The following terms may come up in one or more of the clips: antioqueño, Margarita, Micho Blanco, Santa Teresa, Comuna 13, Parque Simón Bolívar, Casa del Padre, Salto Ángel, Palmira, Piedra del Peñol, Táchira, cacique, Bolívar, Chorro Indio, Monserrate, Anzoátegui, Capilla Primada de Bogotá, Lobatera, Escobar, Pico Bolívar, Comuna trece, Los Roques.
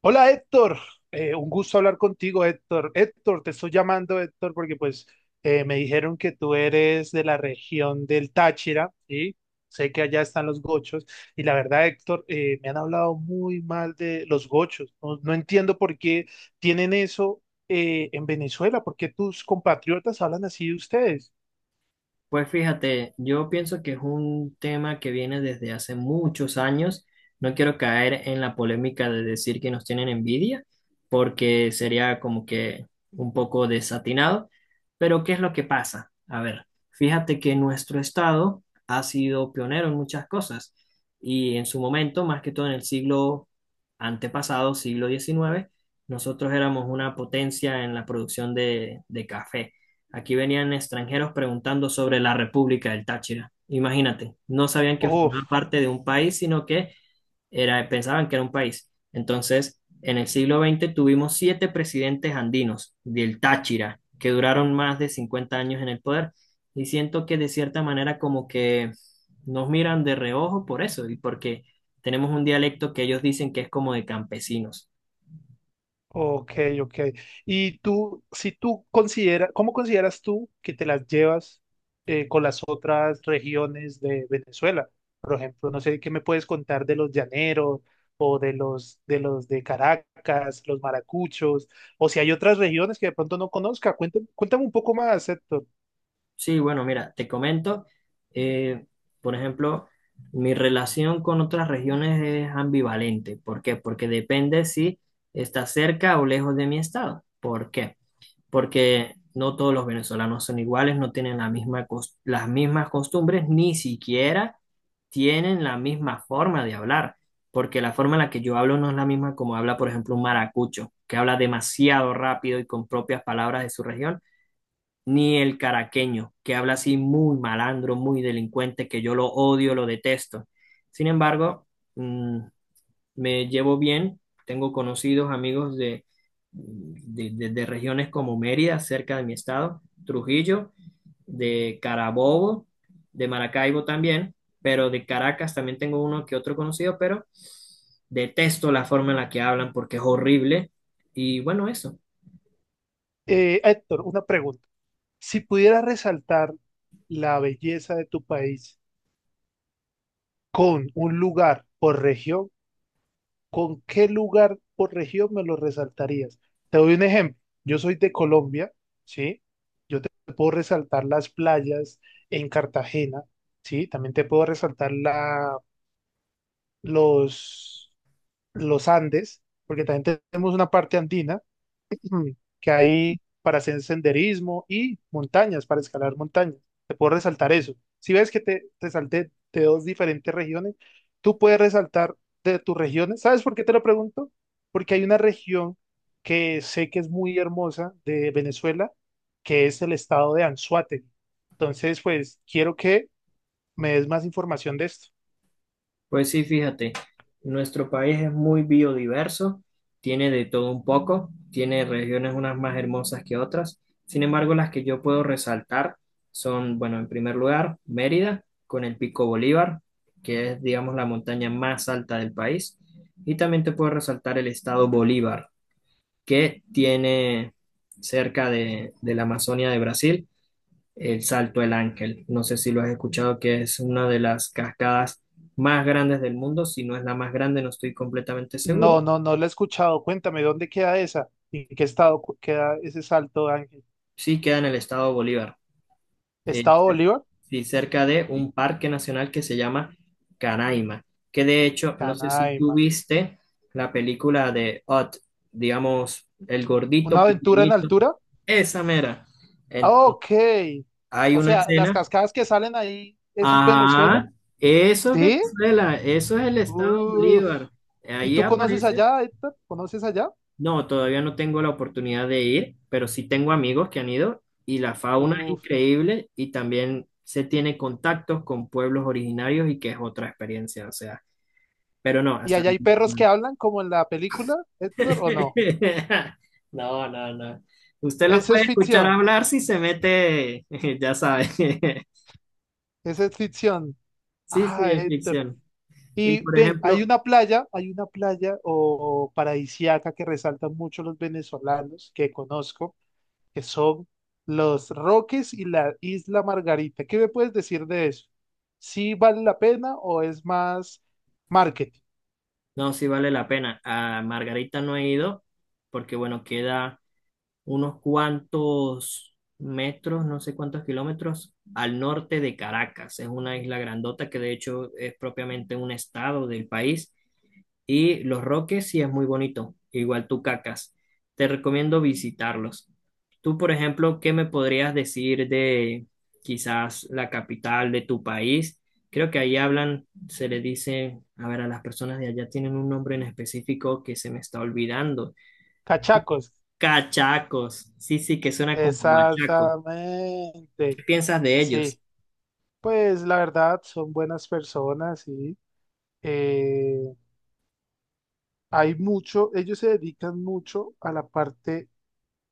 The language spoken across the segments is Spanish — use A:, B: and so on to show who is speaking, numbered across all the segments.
A: Hola Héctor. Un gusto hablar contigo Héctor. Héctor, te estoy llamando Héctor porque pues me dijeron que tú eres de la región del Táchira y sé que allá están los gochos y la verdad Héctor, me han hablado muy mal de los gochos. No entiendo por qué tienen eso en Venezuela, por qué tus compatriotas hablan así de ustedes.
B: Pues fíjate, yo pienso que es un tema que viene desde hace muchos años. No quiero caer en la polémica de decir que nos tienen envidia, porque sería como que un poco desatinado. Pero ¿qué es lo que pasa? A ver, fíjate que nuestro estado ha sido pionero en muchas cosas y, en su momento, más que todo en el siglo antepasado, siglo XIX, nosotros éramos una potencia en la producción de café. Aquí venían extranjeros preguntando sobre la República del Táchira. Imagínate, no sabían que
A: Oh.
B: formaba parte de un país, sino que era, pensaban que era un país. Entonces, en el siglo XX tuvimos siete presidentes andinos del Táchira, que duraron más de 50 años en el poder. Y siento que de cierta manera como que nos miran de reojo por eso, y porque tenemos un dialecto que ellos dicen que es como de campesinos.
A: Ok, ok. Y tú, si tú consideras, ¿cómo consideras tú que te las llevas con las otras regiones de Venezuela? Por ejemplo, no sé, ¿qué me puedes contar de los llaneros o de los de Caracas, los maracuchos, o si hay otras regiones que de pronto no conozca? Cuéntame, cuéntame un poco más, Héctor.
B: Sí, bueno, mira, te comento, eh, por ejemplo, mi relación con otras regiones es ambivalente. ¿Por qué? Porque depende si está cerca o lejos de mi estado. ¿Por qué? Porque no todos los venezolanos son iguales, no tienen la misma las mismas costumbres, ni siquiera tienen la misma forma de hablar, porque la forma en la que yo hablo no es la misma como habla, por ejemplo, un maracucho, que habla demasiado rápido y con propias palabras de su región, ni el caraqueño, que habla así muy malandro, muy delincuente, que yo lo odio, lo detesto. Sin embargo, mm, me llevo bien, tengo conocidos, amigos de, de regiones como Mérida, cerca de mi estado, Trujillo, de Carabobo, de Maracaibo también, pero de Caracas también tengo uno que otro conocido, pero detesto la forma en la que hablan porque es horrible. Y bueno, eso.
A: Héctor, una pregunta. Si pudieras resaltar la belleza de tu país con un lugar por región, ¿con qué lugar por región me lo resaltarías? Te doy un ejemplo. Yo soy de Colombia, ¿sí? Yo te puedo resaltar las playas en Cartagena, ¿sí? También te puedo resaltar los, los Andes, porque también tenemos una parte andina, que hay para hacer senderismo y montañas, para escalar montañas. Te puedo resaltar eso. Si ves que te salté de dos diferentes regiones, tú puedes resaltar de tus regiones. ¿Sabes por qué te lo pregunto? Porque hay una región que sé que es muy hermosa de Venezuela, que es el estado de Anzoátegui. Entonces, pues quiero que me des más información de esto.
B: Pues sí, fíjate, nuestro país es muy biodiverso, tiene de todo un poco, tiene regiones unas más hermosas que otras. Sin embargo, las que yo puedo resaltar son, bueno, en primer lugar, Mérida, con el Pico Bolívar, que es, digamos, la montaña más alta del país. Y también te puedo resaltar el estado Bolívar, que tiene, cerca de la Amazonia de Brasil, el Salto del Ángel. No sé si lo has escuchado, que es una de las cascadas más grandes del mundo. Si no es la más grande, no estoy completamente
A: No,
B: seguro.
A: no, no la he escuchado. Cuéntame, ¿dónde queda esa? ¿Y ¿En qué estado queda ese Salto Ángel?
B: Sí, queda en el estado de Bolívar, eh,
A: ¿Estado
B: cer-
A: Bolívar?
B: sí, cerca de
A: ¿Y
B: un parque nacional que se llama Canaima, que de hecho, no sé si tú
A: Canaima?
B: viste la película de Ott, digamos, el
A: ¿Una
B: gordito
A: aventura en
B: pequeñito,
A: altura?
B: esa mera.
A: Ah,
B: Entonces,
A: ok.
B: hay
A: O
B: una
A: sea, las
B: escena.
A: cascadas que salen ahí, ¿eso es Venezuela?
B: Ah, eso es
A: ¿Sí?
B: Venezuela, eso es el estado
A: Uf.
B: Bolívar.
A: ¿Y
B: Ahí
A: tú conoces
B: aparece.
A: allá, Héctor? ¿Conoces allá?
B: No, todavía no tengo la oportunidad de ir, pero sí tengo amigos que han ido y la fauna es
A: Uf.
B: increíble y también se tiene contactos con pueblos originarios y que es otra experiencia, o sea, pero no,
A: ¿Y
B: hasta...
A: allá hay perros que hablan como en la película, Héctor, o no?
B: No, no, no, no. Usted los
A: Eso es
B: puede escuchar
A: ficción.
B: hablar si se mete, ya sabe.
A: Eso es ficción.
B: Sí, sí,
A: Ah,
B: es
A: Héctor.
B: ficción. Y
A: Y
B: por
A: ven,
B: ejemplo,
A: hay una playa o paradisíaca que resaltan mucho los venezolanos que conozco. Que son los Roques y la Isla Margarita. ¿Qué me puedes decir de eso? ¿Sí vale la pena o es más marketing?
B: no, sí vale la pena. A Margarita no he ido porque, bueno, queda unos cuantos metros, no sé cuántos kilómetros, al norte de Caracas. Es una isla grandota que de hecho es propiamente un estado del país, y Los Roques sí es muy bonito, igual Tucacas. Te recomiendo visitarlos. Tú, por ejemplo, ¿qué me podrías decir de quizás la capital de tu país? Creo que ahí hablan, se le dice, a ver, a las personas de allá tienen un nombre en específico que se me está olvidando.
A: Cachacos.
B: Cachacos. Sí, sí, que suena como bachaco.
A: Exactamente.
B: ¿Qué piensas de ellos?
A: Sí, pues la verdad son buenas personas y eh, hay mucho, ellos se dedican mucho a la parte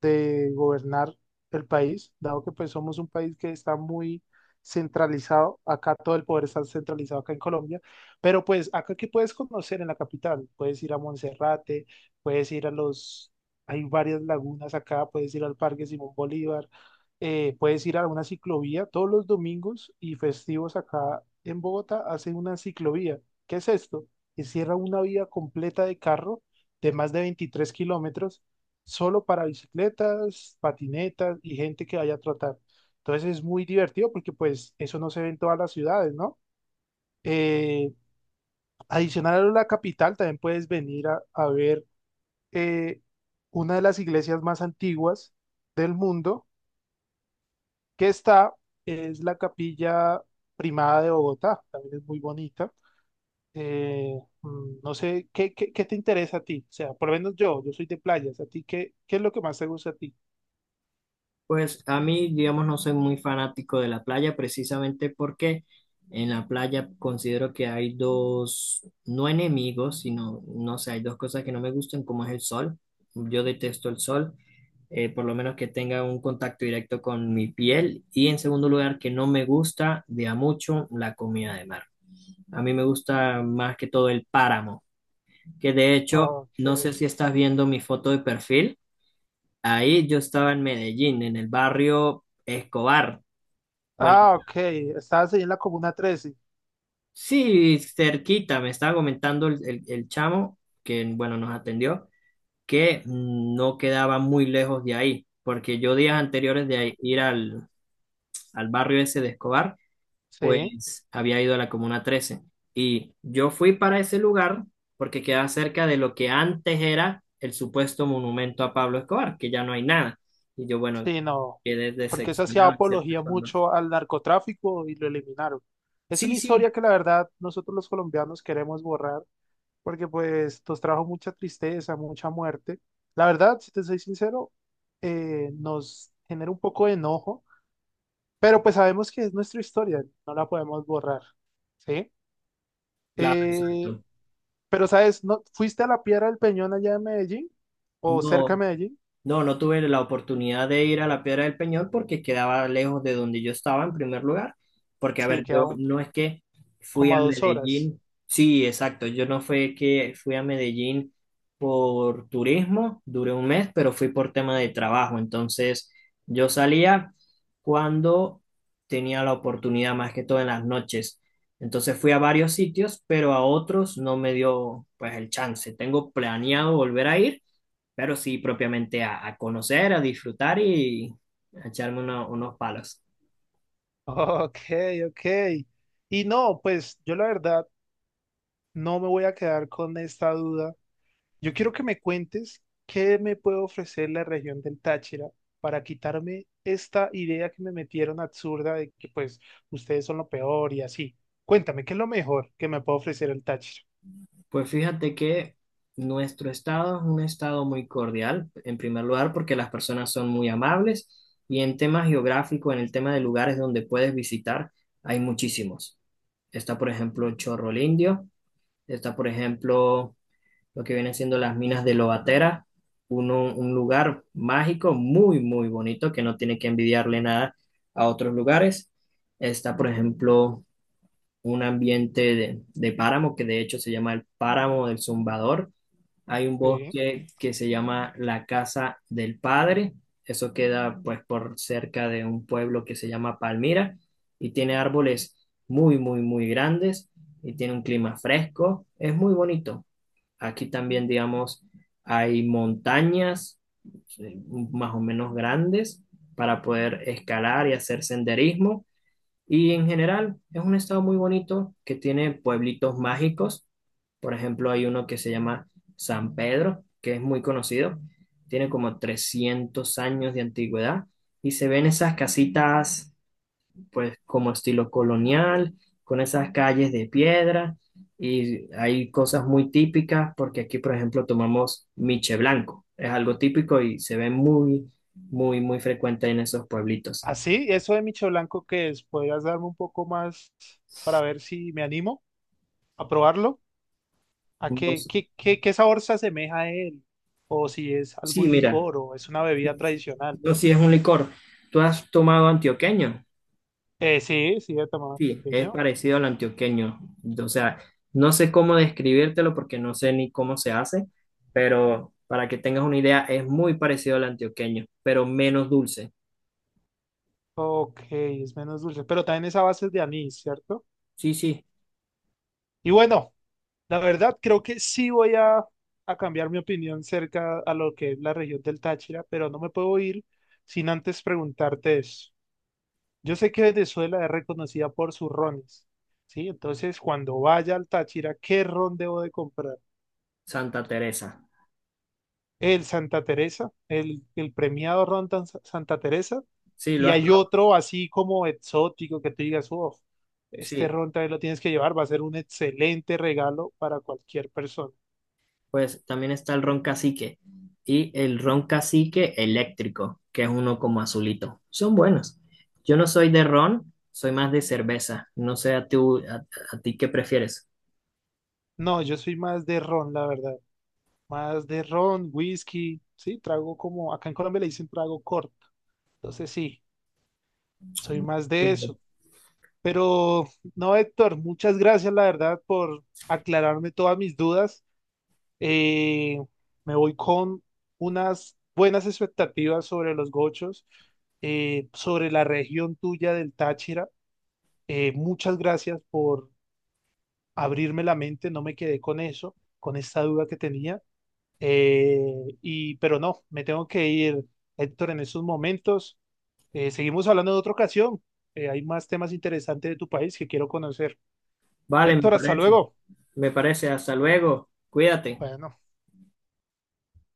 A: de gobernar el país, dado que pues somos un país que está muy centralizado, acá todo el poder está centralizado acá en Colombia, pero pues acá que puedes conocer en la capital, puedes ir a Monserrate, puedes ir a hay varias lagunas acá, puedes ir al Parque Simón Bolívar, puedes ir a una ciclovía, todos los domingos y festivos acá en Bogotá hacen una ciclovía. ¿Qué es esto? Que cierra una vía completa de carro de más de 23 km solo para bicicletas, patinetas y gente que vaya a trotar. Entonces es muy divertido porque pues eso no se ve en todas las ciudades, ¿no? Eh, Adicional a la capital, también puedes venir a ver eh, una de las iglesias más antiguas del mundo que es la Capilla Primada de Bogotá, también es muy bonita. Eh, no sé, qué te interesa a ti? O sea, por lo menos yo soy de playas, ¿a ti qué es lo que más te gusta a ti?
B: Pues a mí, digamos, no soy muy fanático de la playa, precisamente porque en la playa considero que hay dos, no enemigos, sino, no sé, hay dos cosas que no me gustan, como es el sol. Yo detesto el sol, por lo menos que tenga un contacto directo con mi piel. Y en segundo lugar, que no me gusta de a mucho la comida de mar. A mí me gusta más que todo el páramo, que de hecho, no sé
A: Ok.
B: si estás viendo mi foto de perfil. Ahí yo estaba en Medellín, en el barrio Escobar. Bueno,
A: Ah, ok. Estabas ahí en la Comuna 13.
B: sí, cerquita, me estaba comentando el chamo que, bueno, nos atendió, que no quedaba muy lejos de ahí, porque yo días anteriores de ir al, al barrio ese de Escobar,
A: Sí,
B: pues había ido a la Comuna trece. Y yo fui para ese lugar porque quedaba cerca de lo que antes era el supuesto monumento a Pablo Escobar, que ya no hay nada. Y yo, bueno,
A: sí, no.
B: quedé
A: Porque eso hacía
B: decepcionado en cierta
A: apología
B: forma.
A: mucho al narcotráfico y lo eliminaron. Es una
B: Sí, sí,
A: historia que la verdad nosotros los colombianos queremos borrar porque pues nos trajo mucha tristeza, mucha muerte. La verdad, si te soy sincero, nos genera un poco de enojo, pero pues sabemos que es nuestra historia, no la podemos borrar. ¿Sí?
B: claro,
A: Eh,
B: exacto.
A: pero sabes, ¿no, fuiste a la Piedra del Peñón allá en Medellín o cerca de
B: No,
A: Medellín?
B: no, no tuve la oportunidad de ir a la Piedra del Peñol porque quedaba lejos de donde yo estaba en primer lugar. Porque, a
A: Sí,
B: ver, yo
A: quedan
B: no es que fui
A: como
B: a
A: a dos horas.
B: Medellín. Sí, exacto. Yo no fue que fui a Medellín por turismo, duré un mes, pero fui por tema de trabajo. Entonces, yo salía cuando tenía la oportunidad, más que todo en las noches. Entonces fui a varios sitios, pero a otros no me dio pues el chance. Tengo planeado volver a ir, pero sí propiamente a conocer, a disfrutar y a echarme unos palos.
A: Ok, ok. Y no, pues yo la verdad no me voy a quedar con esta duda. Yo quiero que me cuentes qué me puede ofrecer la región del Táchira para quitarme esta idea que me metieron absurda de que pues ustedes son lo peor y así. Cuéntame, ¿qué es lo mejor que me puede ofrecer el Táchira?
B: Pues fíjate que nuestro estado es un estado muy cordial, en primer lugar, porque las personas son muy amables, y en tema geográfico, en el tema de lugares donde puedes visitar, hay muchísimos. Está, por ejemplo, Chorro Indio, está, por ejemplo, lo que vienen siendo las minas de Lobatera, un lugar mágico muy, muy bonito que no tiene que envidiarle nada a otros lugares. Está, por ejemplo, un ambiente de páramo que de hecho se llama el Páramo del Zumbador. Hay un
A: Sí.
B: bosque que se llama la Casa del Padre. Eso queda pues por cerca de un pueblo que se llama Palmira y tiene árboles muy, muy, muy grandes y tiene un clima fresco. Es muy bonito. Aquí también, digamos, hay montañas eh, más o menos grandes para poder escalar y hacer senderismo. Y en general es un estado muy bonito que tiene pueblitos mágicos. Por ejemplo, hay uno que se llama San Pedro, que es muy conocido. Tiene como 300 años de antigüedad y se ven esas casitas pues como estilo colonial, con esas calles de piedra, y hay cosas muy típicas porque aquí, por ejemplo, tomamos miche blanco. Es algo típico y se ve muy, muy, muy frecuente en esos pueblitos.
A: Así, eso de Micho Blanco, ¿qué es? ¿Podrías darme un poco más para ver si me animo a probarlo? ¿A
B: No sé...
A: qué sabor se asemeja a él? O si es
B: Sí,
A: algún
B: mira,
A: licor o es una bebida tradicional.
B: no, sí es un licor. ¿Tú has tomado antioqueño?
A: Sí, sí, de tamaño
B: Sí, es
A: pequeño.
B: parecido al antioqueño. O sea, no sé cómo describírtelo porque no sé ni cómo se hace, pero para que tengas una idea, es muy parecido al antioqueño, pero menos dulce.
A: Ok, es menos dulce, pero también es a base de anís, ¿cierto?
B: Sí, sí,
A: Y bueno, la verdad creo que sí a cambiar mi opinión cerca a lo que es la región del Táchira, pero no me puedo ir sin antes preguntarte eso. Yo sé que Venezuela es reconocida por sus rones, ¿sí? Entonces, cuando vaya al Táchira, ¿qué ron debo de comprar?
B: Santa Teresa.
A: El Santa Teresa, el premiado Ron Santa Teresa,
B: Sí, lo
A: y
B: has
A: hay
B: probado.
A: otro así como exótico que tú digas, uff, este
B: Sí,
A: ron también lo tienes que llevar, va a ser un excelente regalo para cualquier persona.
B: pues también está el ron cacique y el ron cacique eléctrico, que es uno como azulito. Son buenos. Yo no soy de ron, soy más de cerveza. No sé a tú, a ti qué prefieres.
A: No, yo soy más de ron, la verdad, más de ron, whisky, sí, trago como, acá en Colombia le dicen trago corto, entonces sí, soy más de
B: Bien.
A: eso. Pero no, Héctor, muchas gracias, la verdad, por aclararme todas mis dudas. Eh, me voy con unas buenas expectativas sobre los gochos, sobre la región tuya del Táchira. Muchas gracias por abrirme la mente, no me quedé con eso, con esta duda que tenía. Eh, y, pero no, me tengo que ir, Héctor, en estos momentos. Seguimos hablando en otra ocasión. Hay más temas interesantes de tu país que quiero conocer.
B: Vale, me
A: Héctor, hasta
B: parece.
A: luego.
B: Me parece. Hasta luego. Cuídate.
A: Bueno.